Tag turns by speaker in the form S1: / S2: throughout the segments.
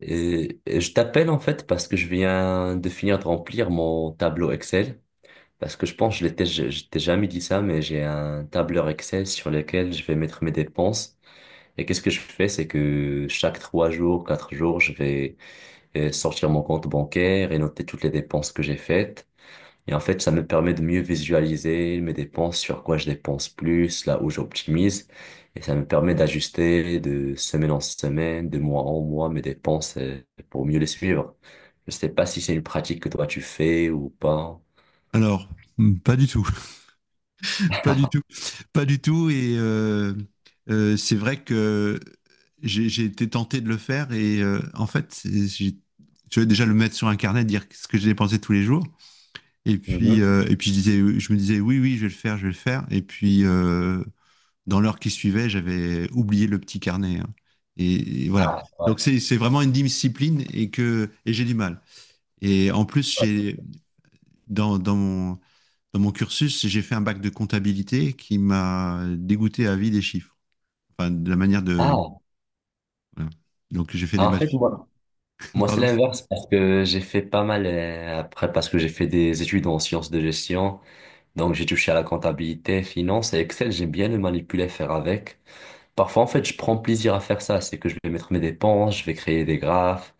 S1: Et je t'appelle en fait parce que je viens de finir de remplir mon tableau Excel. Parce que je pense, je l'étais, je t'ai jamais dit ça, mais j'ai un tableur Excel sur lequel je vais mettre mes dépenses. Et qu'est-ce que je fais, c'est que chaque 3 jours, 4 jours, je vais sortir mon compte bancaire et noter toutes les dépenses que j'ai faites. Et en fait, ça me permet de mieux visualiser mes dépenses, sur quoi je dépense plus, là où j'optimise. Et ça me permet d'ajuster de semaine en semaine, de mois en mois, mes dépenses pour mieux les suivre. Je sais pas si c'est une pratique que toi tu fais ou pas.
S2: Alors, pas du tout, pas du tout, pas du tout. Et c'est vrai que j'ai été tenté de le faire. Et en fait, je vais déjà le mettre sur un carnet, dire ce que j'ai dépensé tous les jours.
S1: Mhm.
S2: Et puis je disais, je me disais, oui, oui, je vais le faire, je vais le faire. Et puis, dans l'heure qui suivait, j'avais oublié le petit carnet, hein. Et voilà.
S1: Ah, ouais.
S2: Donc, c'est vraiment une discipline et que et j'ai du mal. Et en plus, j'ai dans, dans mon cursus, j'ai fait un bac de comptabilité qui m'a dégoûté à vie des chiffres. Enfin, de la manière de.
S1: Ah,
S2: Voilà. Donc, j'ai fait des
S1: En
S2: maths.
S1: fait, moi c'est
S2: Pardon.
S1: l'inverse parce que j'ai fait pas mal, après, parce que j'ai fait des études en sciences de gestion, donc j'ai touché à la comptabilité, finance et Excel, j'aime bien le manipuler, faire avec. Parfois, en fait, je prends plaisir à faire ça. C'est que je vais mettre mes dépenses, je vais créer des graphes,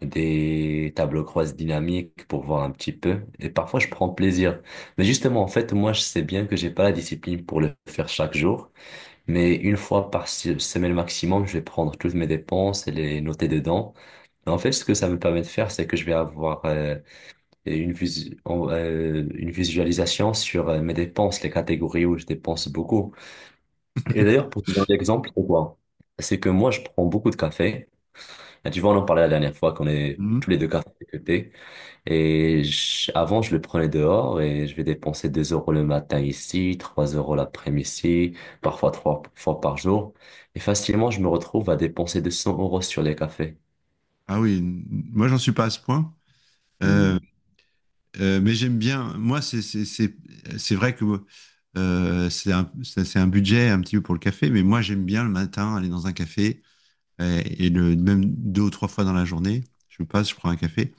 S1: des tableaux croisés dynamiques pour voir un petit peu. Et parfois, je prends plaisir. Mais justement, en fait, moi, je sais bien que j'ai pas la discipline pour le faire chaque jour. Mais une fois par semaine maximum, je vais prendre toutes mes dépenses et les noter dedans. Et en fait, ce que ça me permet de faire, c'est que je vais avoir une visualisation sur mes dépenses, les catégories où je dépense beaucoup. Et d'ailleurs, pour te donner l'exemple, c'est quoi? C'est que moi, je prends beaucoup de café. Et tu vois, on en parlait la dernière fois qu'on est tous
S2: Mhm.
S1: les deux cafés que thé. Et avant, je le prenais dehors et je vais dépenser 2 € le matin ici, 3 € l'après-midi, parfois 3 fois par jour. Et facilement, je me retrouve à dépenser 200 € sur les cafés.
S2: Ah oui, moi, j'en suis pas à ce point. Euh,
S1: Hmm.
S2: mais j'aime bien. Moi, c'est vrai que c'est un budget un petit peu pour le café, mais moi, j'aime bien le matin aller dans un café, et le, même deux ou trois fois dans la journée, je passe, je prends un café.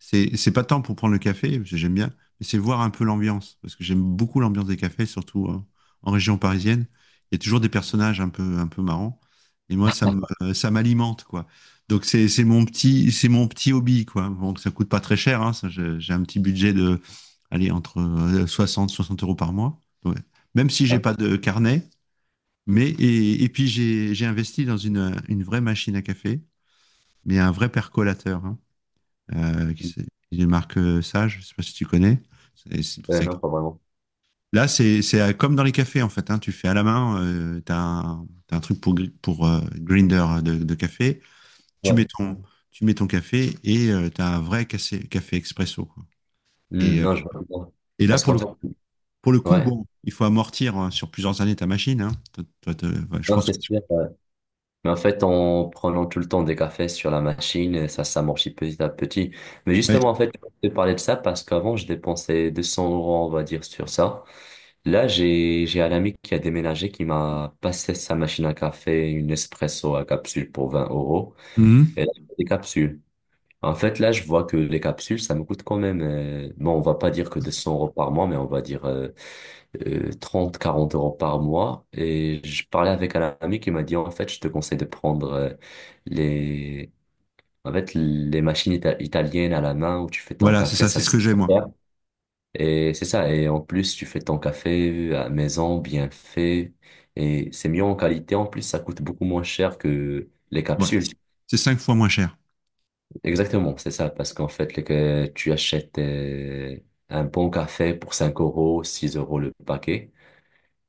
S2: C'est pas tant pour prendre le café, parce que j'aime bien, mais c'est voir un peu l'ambiance, parce que j'aime beaucoup l'ambiance des cafés, surtout en, en région parisienne. Il y a toujours des personnages un peu marrants, et moi, ça m'alimente, quoi. Donc c'est mon petit hobby, quoi. Bon, ça coûte pas très cher, hein, ça, j'ai un petit budget de, allez, entre 60 € par mois. Ouais. Même si j'ai
S1: Ouais.
S2: pas de carnet, mais, et puis, j'ai investi dans une vraie machine à café, mais un vrai percolateur. Hein, euh, qui c'est- une marque, Sage, je sais pas si tu connais. C'est pour ça que-
S1: Non, pas vraiment.
S2: Là, c'est comme dans les cafés, en fait, hein, tu fais à la main, tu un t'as un truc pour, grinder de café. Tu mets
S1: Ouais.
S2: ton, tu mets ton café et tu as un vrai café, café expresso, quoi.
S1: Hmm,
S2: Et, euh,
S1: non, je vois pas.
S2: et là,
S1: Parce qu'en fait,
S2: pour le coup,
S1: ouais,
S2: bon, il faut amortir sur plusieurs années ta machine, hein. Ouais, je
S1: non,
S2: pense que
S1: c'est sûr. Mais en fait, en prenant tout le temps des cafés sur la machine, ça s'amortit petit à petit. Mais
S2: ouais.
S1: justement, en fait, je te parlais de ça parce qu'avant, je dépensais 200 euros, on va dire, sur ça. Là, j'ai un ami qui a déménagé qui m'a passé sa machine à café, une espresso à capsule pour 20 euros.
S2: Mhm.
S1: Et là, je fais des capsules. En fait, là, je vois que les capsules, ça me coûte quand même, bon, on va pas dire que 200 € par mois, mais on va dire 30, 40 € par mois. Et je parlais avec un ami qui m'a dit, en fait, je te conseille de prendre les, en fait, les machines italiennes à la main où tu fais ton
S2: Voilà, c'est
S1: café,
S2: ça,
S1: ça
S2: c'est ce
S1: coûte
S2: que j'ai,
S1: pas
S2: moi.
S1: cher. Et c'est ça. Et en plus, tu fais ton café à maison, bien fait. Et c'est mieux en qualité. En plus, ça coûte beaucoup moins cher que les
S2: Voilà.
S1: capsules.
S2: C'est cinq fois moins cher.
S1: Exactement, c'est ça, parce qu'en fait, que tu achètes un bon café pour 5 euros, 6 € le paquet,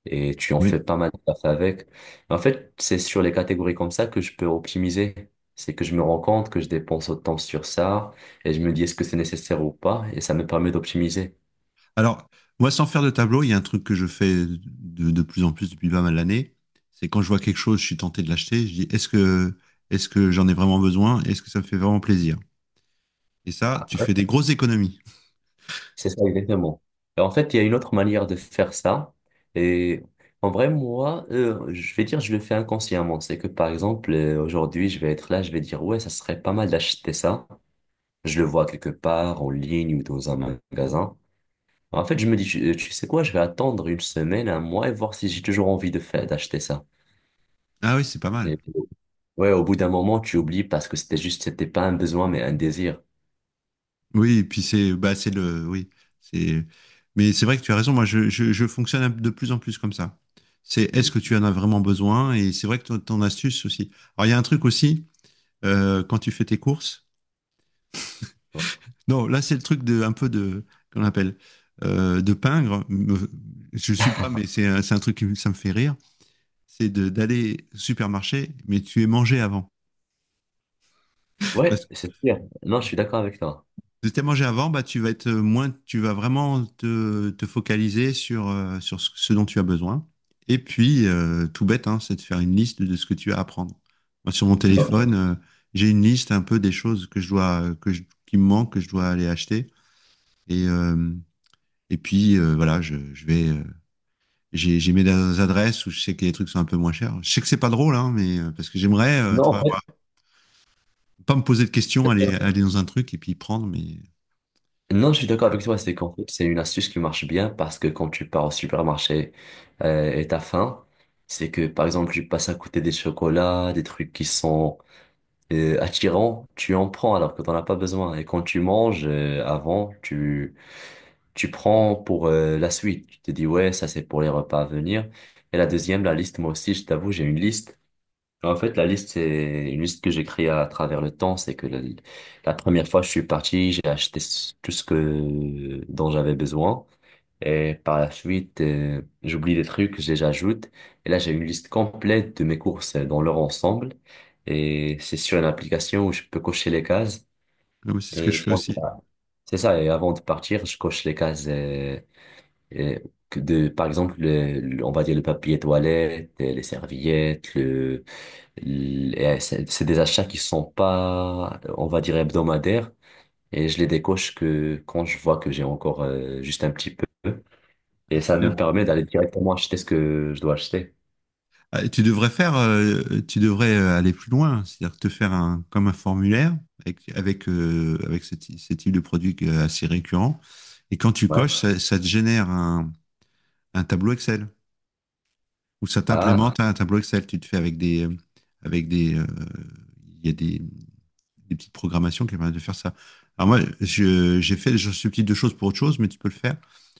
S1: et tu en
S2: Oui.
S1: fais pas mal de café avec. En fait, c'est sur les catégories comme ça que je peux optimiser. C'est que je me rends compte que je dépense autant sur ça, et je me dis est-ce que c'est nécessaire ou pas, et ça me permet d'optimiser.
S2: Alors, moi, sans faire de tableau, il y a un truc que je fais de plus en plus depuis pas mal d'années. C'est quand je vois quelque chose, je suis tenté de l'acheter. Je dis, est-ce que j'en ai vraiment besoin? Est-ce que ça me fait vraiment plaisir? Et ça, tu fais des grosses économies.
S1: C'est ça, exactement. Et en fait, il y a une autre manière de faire ça. Et en vrai, moi, je vais dire, je le fais inconsciemment. C'est que, par exemple, aujourd'hui, je vais être là, je vais dire, ouais, ça serait pas mal d'acheter ça. Je le vois quelque part, en ligne ou dans un magasin. En fait, je me dis, tu sais quoi, je vais attendre une semaine, un mois et voir si j'ai toujours envie de faire, d'acheter ça.
S2: Ah oui, c'est pas mal.
S1: Et ouais, au bout d'un moment, tu oublies parce que c'était juste, c'était pas un besoin, mais un désir.
S2: Oui, et puis c'est, bah, c'est le, oui, c'est, mais c'est vrai que tu as raison. Moi, je fonctionne de plus en plus comme ça. C'est, est-ce que tu en as vraiment besoin? Et c'est vrai que ton, ton astuce aussi. Alors, il y a un truc aussi, quand tu fais tes courses, non, là, c'est le truc de, un peu de, qu'on appelle, de peindre. Je ne suis pas, mais c'est un truc qui ça me fait rire. D'aller au supermarché, mais tu es mangé avant. Parce
S1: Ouais,
S2: que
S1: c'est sûr. Non, je suis d'accord avec toi.
S2: si tu es mangé avant, bah, tu vas être moins, tu vas vraiment te focaliser sur, sur ce ce dont tu as besoin. Et puis, tout bête, hein, c'est de faire une liste de ce que tu as à prendre. Moi, sur mon
S1: Non,
S2: téléphone, j'ai une liste un peu des choses que je dois, qui me manquent, que je dois aller acheter. Et, voilà, je vais. J'ai mis des adresses où je sais que les trucs sont un peu moins chers. Je sais que c'est pas drôle, hein, mais parce que j'aimerais, tu
S1: non,
S2: vois,
S1: en
S2: voilà, pas me poser de questions,
S1: fait.
S2: aller dans un truc et puis prendre, mais,
S1: Non, je suis d'accord avec toi, c'est qu'en fait, c'est une astuce qui marche bien parce que quand tu pars au supermarché et t'as faim, c'est que par exemple, tu passes à côté des chocolats, des trucs qui sont attirants, tu en prends alors que t'en as pas besoin. Et quand tu manges avant, tu prends pour la suite. Tu te dis, ouais, ça c'est pour les repas à venir. Et la deuxième, la liste, moi aussi, je t'avoue, j'ai une liste. En fait, la liste, c'est une liste que j'ai créée à travers le temps. C'est que la première fois que je suis parti, j'ai acheté tout ce que, dont j'avais besoin. Et par la suite, j'oublie des trucs, je les ajoute. Et là, j'ai une liste complète de mes courses dans leur ensemble. Et c'est sur une application où je peux cocher les cases.
S2: ouais, mais c'est ce que je
S1: Et
S2: fais
S1: quand je-
S2: aussi.
S1: c'est ça. Et avant de partir, je coche les cases euh, que de, par exemple, on va dire le papier toilette, les serviettes, et c'est des achats qui sont pas, on va dire, hebdomadaires. Et je les décoche que quand je vois que j'ai encore juste un petit peu.
S2: Ah,
S1: Et
S2: c'est
S1: ça
S2: bien.
S1: me permet d'aller directement acheter ce que je dois acheter.
S2: Ah, et tu devrais faire, tu devrais aller plus loin, c'est-à-dire te faire un, comme un formulaire avec, avec, avec ce, ce type de produit assez récurrent. Et quand tu
S1: Ouais.
S2: coches, ça te génère un tableau Excel ou ça
S1: Ah.
S2: t'implémente un tableau Excel. Tu te fais avec des, il y a des petites programmations qui permettent de faire ça. Alors moi, j'ai fait ce type de choses pour autre chose, mais tu peux le faire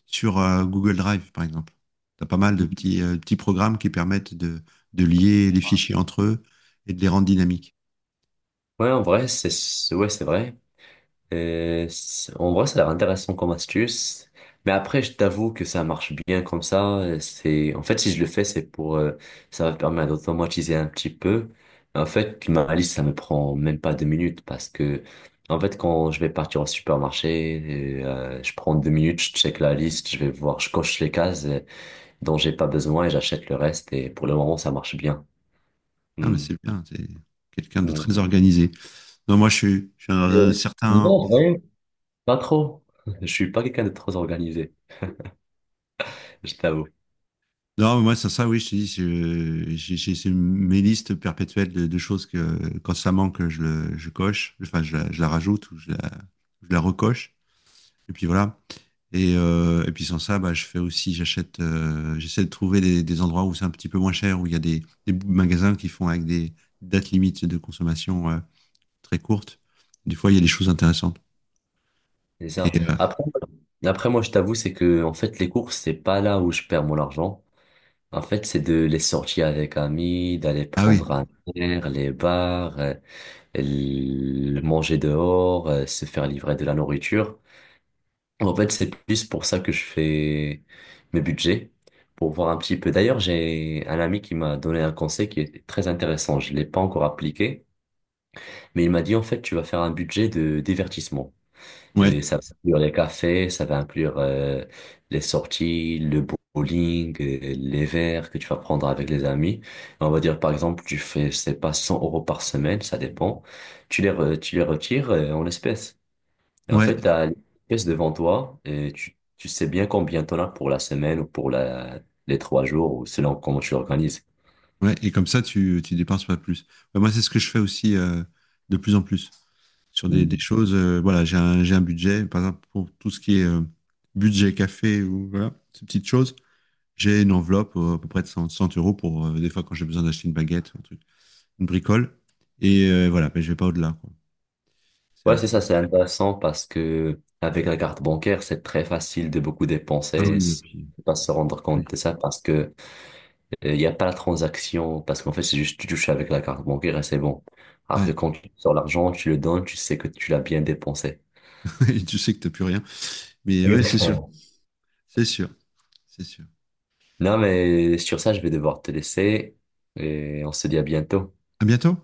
S2: sur Google Drive, par exemple. Tu as pas mal de petits, petits programmes qui permettent de lier les fichiers entre eux et de les rendre dynamiques.
S1: Ouais, en vrai, ouais, c'est vrai. En vrai, ça a l'air intéressant comme astuce. Mais après, je t'avoue que ça marche bien comme ça. C'est, en fait, si je le fais, c'est pour, ça va me permettre d'automatiser un petit peu. En fait, ma liste, ça me prend même pas 2 minutes parce que, en fait, quand je vais partir au supermarché, je prends 2 minutes, je check la liste, je vais voir, je coche les cases dont j'ai pas besoin et j'achète le reste. Et pour le moment, ça marche bien.
S2: Ah, mais
S1: Hmm.
S2: c'est bien, c'est quelqu'un de
S1: Hmm.
S2: très organisé. Non, moi, je suis dans
S1: Euh,
S2: un
S1: Non,
S2: certain...
S1: en vrai pas trop. Je suis pas quelqu'un de trop organisé, je t'avoue.
S2: Non, mais moi, c'est ça, oui, je te dis, c'est mes listes perpétuelles de choses que, quand ça manque, je coche, enfin, je la rajoute ou je la recoche. Et puis voilà. Et puis sans ça, bah, je fais aussi, j'achète, j'essaie de trouver des endroits où c'est un petit peu moins cher, où il y a des magasins qui font avec des dates limites de consommation très courtes. Des fois, il y a des choses intéressantes.
S1: C'est ça.
S2: Et,
S1: Après, moi, je t'avoue, c'est que, en fait, les courses, c'est pas là où je perds mon argent. En fait, c'est de les sortir avec amis, d'aller
S2: ah oui,
S1: prendre un verre, les bars, manger dehors, se faire livrer de la nourriture. En fait, c'est plus pour ça que je fais mes budgets, pour voir un petit peu. D'ailleurs, j'ai un ami qui m'a donné un conseil qui est très intéressant. Je l'ai pas encore appliqué, mais il m'a dit, en fait, tu vas faire un budget de divertissement.
S2: ouais,
S1: Et ça va inclure les cafés, ça va inclure les sorties, le bowling, les verres que tu vas prendre avec les amis. Et on va dire, par exemple, tu fais, je sais pas, 100 € par semaine, ça dépend. Tu les retires en espèces. Et en
S2: ouais,
S1: fait, tu as l'espèce devant toi et tu sais bien combien tu en as pour la semaine ou pour les 3 jours, ou selon comment tu l'organises.
S2: ouais. Et comme ça, tu dépenses pas plus. Bah, moi, c'est ce que je fais aussi de plus en plus sur des
S1: Hmm.
S2: choses. Voilà, j'ai un budget, par exemple, pour tout ce qui est budget café ou voilà, ces petites choses. J'ai une enveloppe à peu près de 100 100 € pour des fois quand j'ai besoin d'acheter une baguette, un truc, une bricole. Et voilà, mais je vais pas au-delà, quoi. C'est un
S1: Ouais, c'est
S2: peu.
S1: ça, c'est intéressant parce que avec la carte bancaire, c'est très facile de beaucoup
S2: Ah
S1: dépenser,
S2: oui, et puis,
S1: pas se rendre compte de
S2: oui.
S1: ça parce que il n'y a pas la transaction, parce qu'en fait, c'est juste tu touches avec la carte bancaire et c'est bon. Alors que
S2: Ouais.
S1: quand tu sors l'argent, tu le donnes, tu sais que tu l'as bien dépensé.
S2: Tu sais que t'as plus rien. Mais oui, c'est sûr.
S1: Exactement.
S2: C'est sûr. C'est sûr.
S1: Non, mais sur ça, je vais devoir te laisser et on se dit à bientôt.
S2: À bientôt.